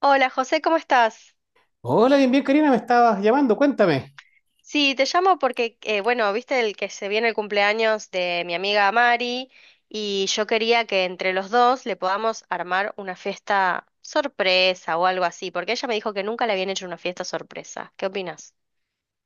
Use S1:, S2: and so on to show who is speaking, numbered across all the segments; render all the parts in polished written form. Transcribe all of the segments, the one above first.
S1: Hola José, ¿cómo estás?
S2: Hola, bien, bien, Karina, me estabas llamando, cuéntame.
S1: Sí, te llamo porque, bueno, viste el que se viene el cumpleaños de mi amiga Mari y yo quería que entre los dos le podamos armar una fiesta sorpresa o algo así, porque ella me dijo que nunca le habían hecho una fiesta sorpresa. ¿Qué opinas?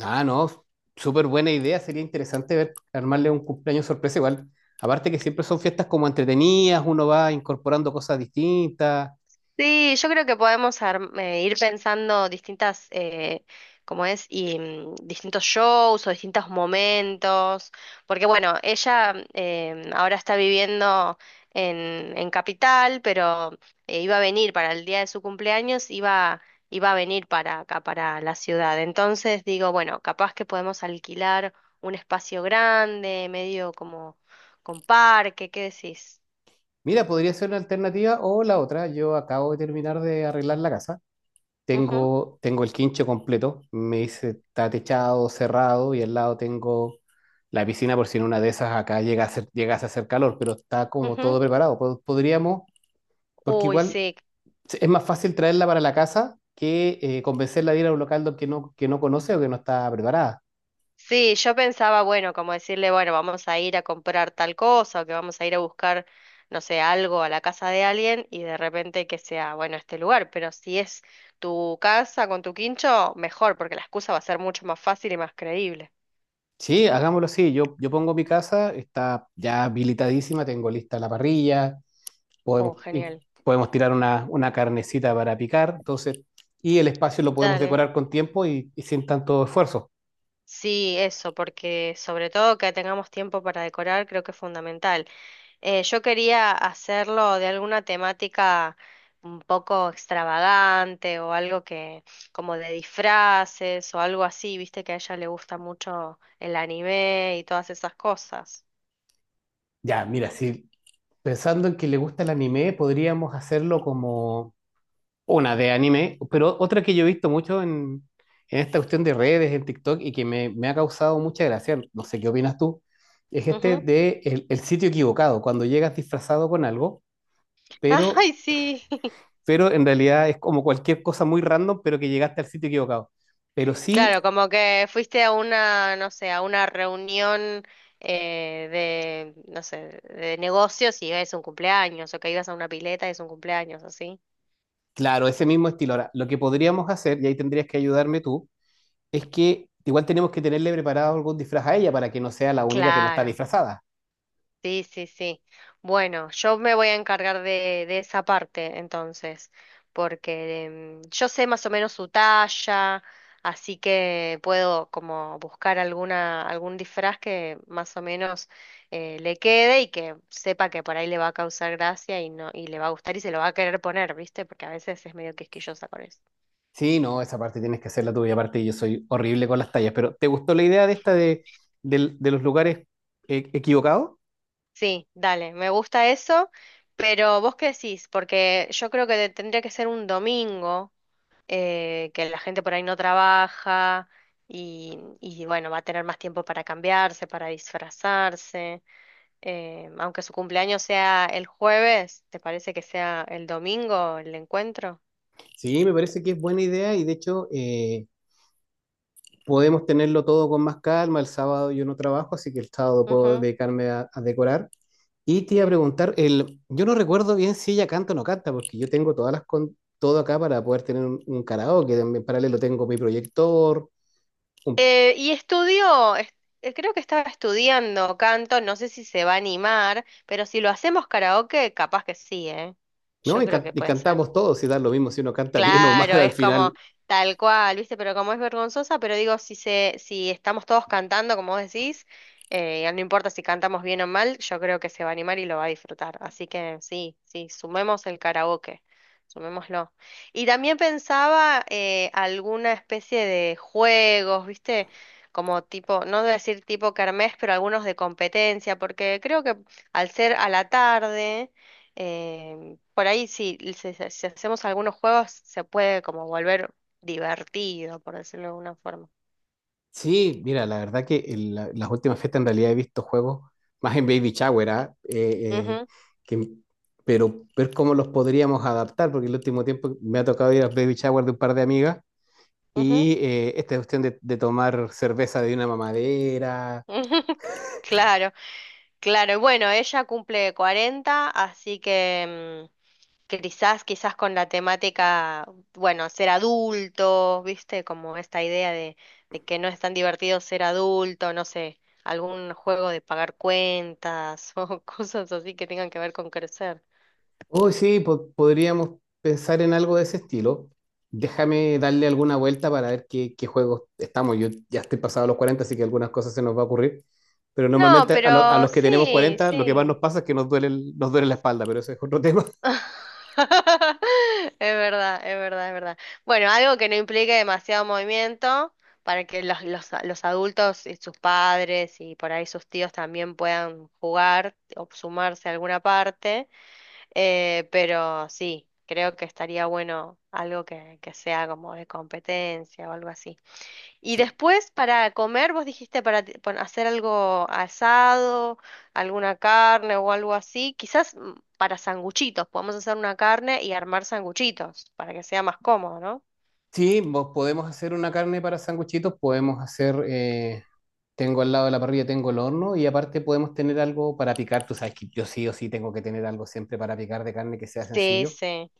S2: Ah, no, súper buena idea, sería interesante ver, armarle un cumpleaños sorpresa igual. Aparte que siempre son fiestas como entretenidas, uno va incorporando cosas distintas.
S1: Sí, yo creo que ir pensando distintas, como es, y distintos shows o distintos momentos, porque bueno, ella ahora está viviendo en Capital, pero iba a venir para el día de su cumpleaños, iba a venir para acá, para la ciudad. Entonces digo, bueno, capaz que podemos alquilar un espacio grande, medio como con parque, ¿qué decís?
S2: Mira, podría ser una alternativa o la otra. Yo acabo de terminar de arreglar la casa.
S1: Ujú,
S2: Tengo el quincho completo, me hice, está techado, cerrado y al lado tengo la piscina por si en una de esas acá llegase a hacer calor, pero está como
S1: ujú.
S2: todo preparado. Podríamos... Porque
S1: Uy,
S2: igual
S1: sí.
S2: sí, es más fácil traerla para la casa que convencerla de ir a un local que no conoce o que no está preparada.
S1: Sí, yo pensaba, bueno, como decirle, bueno, vamos a ir a comprar tal cosa o que vamos a ir a buscar, no sé, algo a la casa de alguien y de repente que sea, bueno, este lugar, pero si es tu casa con tu quincho, mejor, porque la excusa va a ser mucho más fácil y más creíble.
S2: Sí, hagámoslo así. Yo pongo mi casa, está ya habilitadísima, tengo lista la parrilla, podemos,
S1: Oh, genial.
S2: podemos tirar una carnecita para picar, entonces, y el espacio lo podemos
S1: Dale.
S2: decorar con tiempo y sin tanto esfuerzo.
S1: Sí, eso, porque sobre todo que tengamos tiempo para decorar creo que es fundamental. Yo quería hacerlo de alguna temática un poco extravagante o algo que como de disfraces o algo así, viste que a ella le gusta mucho el anime y todas esas cosas.
S2: Ya, mira, si pensando en que le gusta el anime, podríamos hacerlo como una de anime, pero otra que yo he visto mucho en esta cuestión de redes, en TikTok, y que me ha causado mucha gracia, no sé qué opinas tú, es este
S1: Ujú.
S2: de el sitio equivocado, cuando llegas disfrazado con algo, pero,
S1: Ay, sí.
S2: pero en realidad es como cualquier cosa muy random, pero que llegaste al sitio equivocado. Pero sí,
S1: Claro, como que fuiste a una, no sé, a una reunión de no sé, de negocios y es un cumpleaños o que ibas a una pileta y es un cumpleaños, así.
S2: claro, ese mismo estilo. Ahora, lo que podríamos hacer, y ahí tendrías que ayudarme tú, es que igual tenemos que tenerle preparado algún disfraz a ella para que no sea la única que no está
S1: Claro.
S2: disfrazada.
S1: Sí, sí, sí. Bueno, yo me voy a encargar de esa parte entonces, porque yo sé más o menos su talla, así que puedo como buscar alguna, algún disfraz que más o menos le quede y que sepa que por ahí le va a causar gracia y no, y le va a gustar y se lo va a querer poner, ¿viste? Porque a veces es medio quisquillosa con eso.
S2: Sí, no, esa parte tienes que hacerla tú y aparte yo soy horrible con las tallas, pero ¿te gustó la idea de esta de, de los lugares equivocados?
S1: Sí, dale, me gusta eso, pero ¿vos qué decís? Porque yo creo que tendría que ser un domingo. Que la gente por ahí no trabaja y bueno, va a tener más tiempo para cambiarse, para disfrazarse. Aunque su cumpleaños sea el jueves, ¿te parece que sea el domingo el encuentro?
S2: Sí, me parece que es buena idea y de hecho podemos tenerlo todo con más calma. El sábado yo no trabajo, así que el sábado puedo
S1: Ujú,
S2: dedicarme a decorar. Y te iba a
S1: bien.
S2: preguntar, el, yo no recuerdo bien si ella canta o no canta, porque yo tengo todas las con, todo acá para poder tener un karaoke, en paralelo tengo mi proyector, un-
S1: Eh, y estudió, est- Creo que estaba estudiando canto, no sé si se va a animar, pero si lo hacemos karaoke, capaz que sí, ¿eh?
S2: ¿no?
S1: Yo
S2: Y,
S1: creo que
S2: y
S1: puede ser.
S2: cantamos todos y da lo mismo si uno canta bien o mal
S1: Claro,
S2: al
S1: es como
S2: final.
S1: tal cual, ¿viste? Pero como es vergonzosa, pero digo, si estamos todos cantando, como vos decís, no importa si cantamos bien o mal, yo creo que se va a animar y lo va a disfrutar. Así que sí, sí, sumemos el karaoke, sumémoslo. Y también pensaba alguna especie de juegos, ¿viste? Como tipo, no decir tipo kermés, pero algunos de competencia, porque creo que al ser a la tarde. Por ahí sí, si hacemos algunos juegos se puede como volver divertido, por decirlo de alguna forma.
S2: Sí, mira, la verdad que en las últimas fiestas en realidad he visto juegos más en Baby Shower, ¿ah?
S1: Ujú,
S2: Que- pero ver cómo los podríamos adaptar, porque el último tiempo me ha tocado ir a Baby Shower de un par de amigas
S1: ujú,
S2: y esta cuestión de tomar cerveza de una mamadera.
S1: ujú. Claro, claro. Y bueno, ella cumple 40, así que quizás, quizás con la temática, bueno, ser adulto, ¿viste? Como esta idea de que no es tan divertido ser adulto, no sé, algún juego de pagar cuentas o cosas así que tengan que ver con crecer.
S2: Uy, sí, podríamos pensar en algo de ese estilo. Déjame darle alguna vuelta para ver qué, qué juegos estamos. Yo ya estoy pasado los 40 así que algunas cosas se nos va a ocurrir. Pero
S1: No,
S2: normalmente a, a
S1: pero
S2: los que tenemos
S1: sí,
S2: 40 lo que más nos
S1: sí.
S2: pasa es que nos duele, nos duele la espalda, pero ese es otro tema.
S1: Es verdad, es verdad, es verdad. Bueno, algo que no implique demasiado movimiento para que los adultos y sus padres y por ahí sus tíos también puedan jugar o sumarse a alguna parte. Pero sí, creo que estaría bueno algo que sea como de competencia o algo así. Y
S2: Sí,
S1: después para comer, vos dijiste hacer algo asado, alguna carne o algo así, quizás para sanguchitos, podemos hacer una carne y armar sanguchitos para que sea más cómodo, ¿no?
S2: sí, vos podemos hacer una carne para sanguchitos, podemos hacer, tengo al lado de la parrilla, tengo el horno y aparte podemos tener algo para picar. Tú sabes que yo sí o sí tengo que tener algo siempre para picar de carne que sea
S1: Sí,
S2: sencillo.
S1: sí.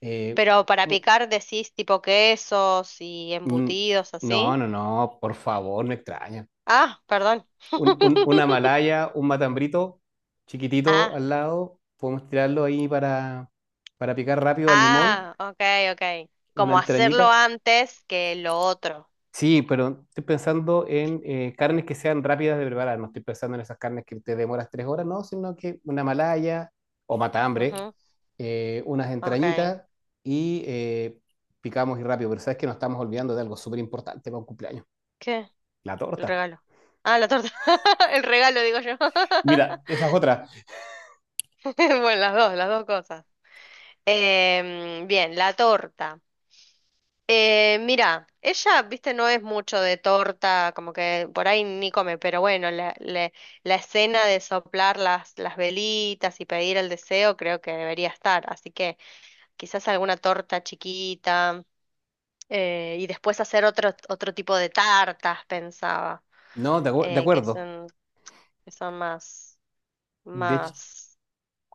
S2: Eh,
S1: Pero para picar decís tipo quesos y
S2: Mm,
S1: embutidos
S2: No,
S1: así.
S2: no, no, por favor, no extraña.
S1: Ah, perdón.
S2: Una malaya, un matambrito chiquitito
S1: Ah,
S2: al lado, podemos tirarlo ahí para picar rápido al limón,
S1: ah, ok, ok.
S2: una
S1: Como hacerlo
S2: entrañita.
S1: antes que lo otro.
S2: Sí, pero estoy pensando en carnes que sean rápidas de preparar, no estoy pensando en esas carnes que te demoras tres horas, no, sino que una malaya o matambre,
S1: Ujú,
S2: unas
S1: ok.
S2: entrañitas y picamos y rápido, pero sabes que nos estamos olvidando de algo súper importante para un cumpleaños,
S1: ¿Qué?
S2: la
S1: El
S2: torta.
S1: regalo. Ah, la torta. El regalo, digo yo.
S2: Mira, esa es otra.
S1: Bueno, las dos cosas. Em, bien, la torta. Mira, ella, viste, no es mucho de torta, como que por ahí ni come, pero bueno, la escena de soplar las velitas y pedir el deseo creo que debería estar, así que quizás alguna torta chiquita y después hacer otro, otro tipo de tartas, pensaba,
S2: No, de, de
S1: eh, que
S2: acuerdo.
S1: son, que son más...
S2: De hecho,
S1: más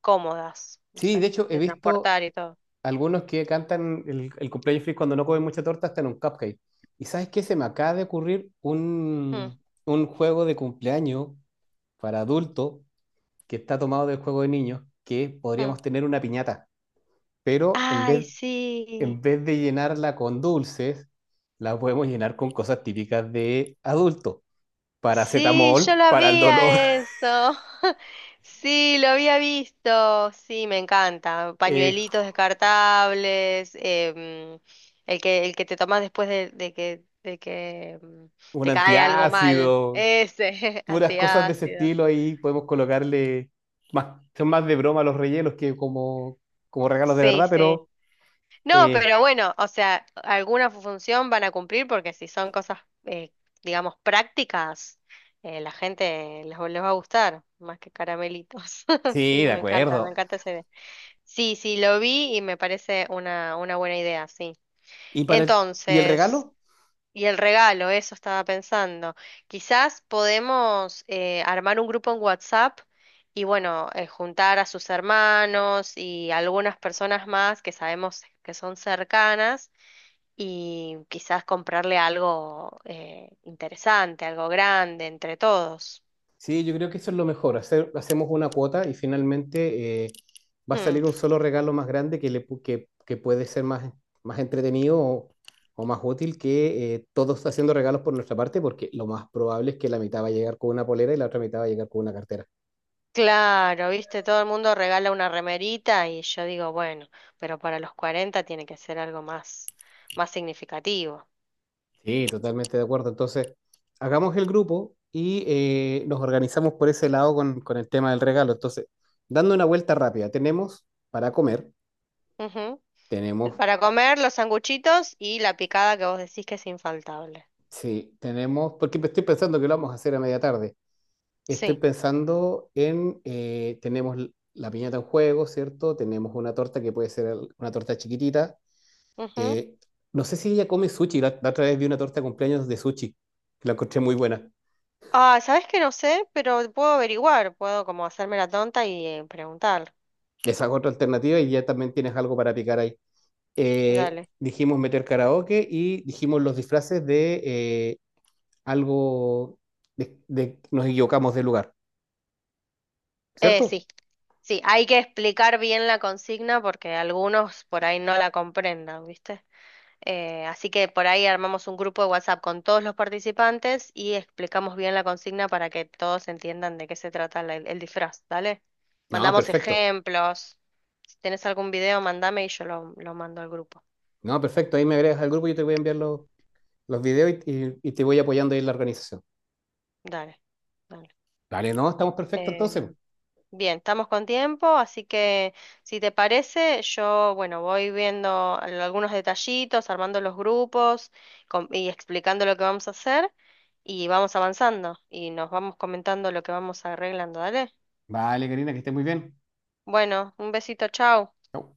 S1: cómodas, no
S2: sí, de
S1: sé,
S2: hecho he
S1: de
S2: visto
S1: transportar y todo.
S2: algunos que cantan el cumpleaños feliz cuando no comen mucha torta hasta en un cupcake. ¿Y sabes qué? Se me acaba de ocurrir
S1: Mm,
S2: un juego de cumpleaños para adultos que está tomado del juego de niños, que
S1: mm.
S2: podríamos tener una piñata, pero
S1: Ay, sí,
S2: en vez de llenarla con dulces, la podemos llenar con cosas típicas de adulto.
S1: sí, yo
S2: Paracetamol
S1: la
S2: para el dolor,
S1: había eso. Sí, lo había visto. Sí, me encanta.
S2: eh,
S1: Pañuelitos descartables, el que te tomas después de que
S2: un
S1: te cae algo mal.
S2: antiácido,
S1: Ese,
S2: puras cosas de ese
S1: antiácido.
S2: estilo ahí podemos colocarle más, son más de broma los rellenos que como, como regalos de
S1: Sí,
S2: verdad,
S1: sí.
S2: pero
S1: No,
S2: eh,
S1: pero bueno, o sea, función van a cumplir porque si son cosas, eh, digamos, prácticas, la gente les va a gustar, más que caramelitos.
S2: sí,
S1: Sí,
S2: de
S1: me
S2: acuerdo.
S1: encanta esa idea. Sí, sí, lo vi y me parece una buena idea, sí.
S2: ¿Y para el, y el
S1: Entonces...
S2: regalo?
S1: Y el regalo, eso estaba pensando. Quizás podemos armar un grupo en WhatsApp y bueno, juntar a sus hermanos y algunas personas más que sabemos que son cercanas y quizás comprarle algo interesante, algo grande entre todos.
S2: Sí, yo creo que eso es lo mejor, hacer, hacemos una cuota y finalmente va a
S1: Hmm,
S2: salir un solo regalo más grande que, le, que puede ser más, más entretenido o más útil que todos haciendo regalos por nuestra parte, porque lo más probable es que la mitad va a llegar con una polera y la otra mitad va a llegar con una cartera.
S1: claro, viste, todo el mundo regala una remerita y yo digo, bueno, pero para los 40 tiene que ser algo más, más significativo.
S2: Sí, totalmente de acuerdo. Entonces, hagamos el grupo y nos organizamos por ese lado con el tema del regalo. Entonces, dando una vuelta rápida, tenemos para comer,
S1: Ujú.
S2: tenemos,
S1: Para comer los sanguchitos y la picada que vos decís que es infaltable.
S2: sí, tenemos, porque estoy pensando que lo vamos a hacer a media tarde. Estoy
S1: Sí.
S2: pensando en, tenemos la piñata en juego, ¿cierto? Tenemos una torta que puede ser una torta chiquitita.
S1: Ujú.
S2: Eh, no sé si ella come sushi, la otra vez vi una torta de cumpleaños de sushi, que la encontré muy buena.
S1: Ah, ¿sabés que no sé? Pero puedo averiguar, puedo como hacerme la tonta y preguntar.
S2: Esa es otra alternativa y ya también tienes algo para picar ahí. Eh,
S1: Dale.
S2: dijimos meter karaoke y dijimos los disfraces de algo de, nos equivocamos de lugar, ¿cierto?
S1: Sí, sí, hay que explicar bien la consigna porque algunos por ahí no la comprendan, ¿viste? Así que por ahí armamos un grupo de WhatsApp con todos los participantes y explicamos bien la consigna para que todos entiendan de qué se trata el disfraz, ¿dale?
S2: No,
S1: Mandamos
S2: perfecto.
S1: ejemplos. Si tenés algún video, mandame y yo lo mando al grupo.
S2: No, perfecto. Ahí me agregas al grupo, yo te voy a enviar los videos y, y te voy apoyando ahí en la organización.
S1: Dale,
S2: Vale, no, estamos perfectos entonces.
S1: dale. Bien, estamos con tiempo, así que si te parece, yo, bueno, voy viendo algunos detallitos, armando los grupos y explicando lo que vamos a hacer y vamos avanzando y nos vamos comentando lo que vamos arreglando, ¿dale?
S2: Vale, Karina, que estés muy bien.
S1: Bueno, un besito, chao.
S2: Chau.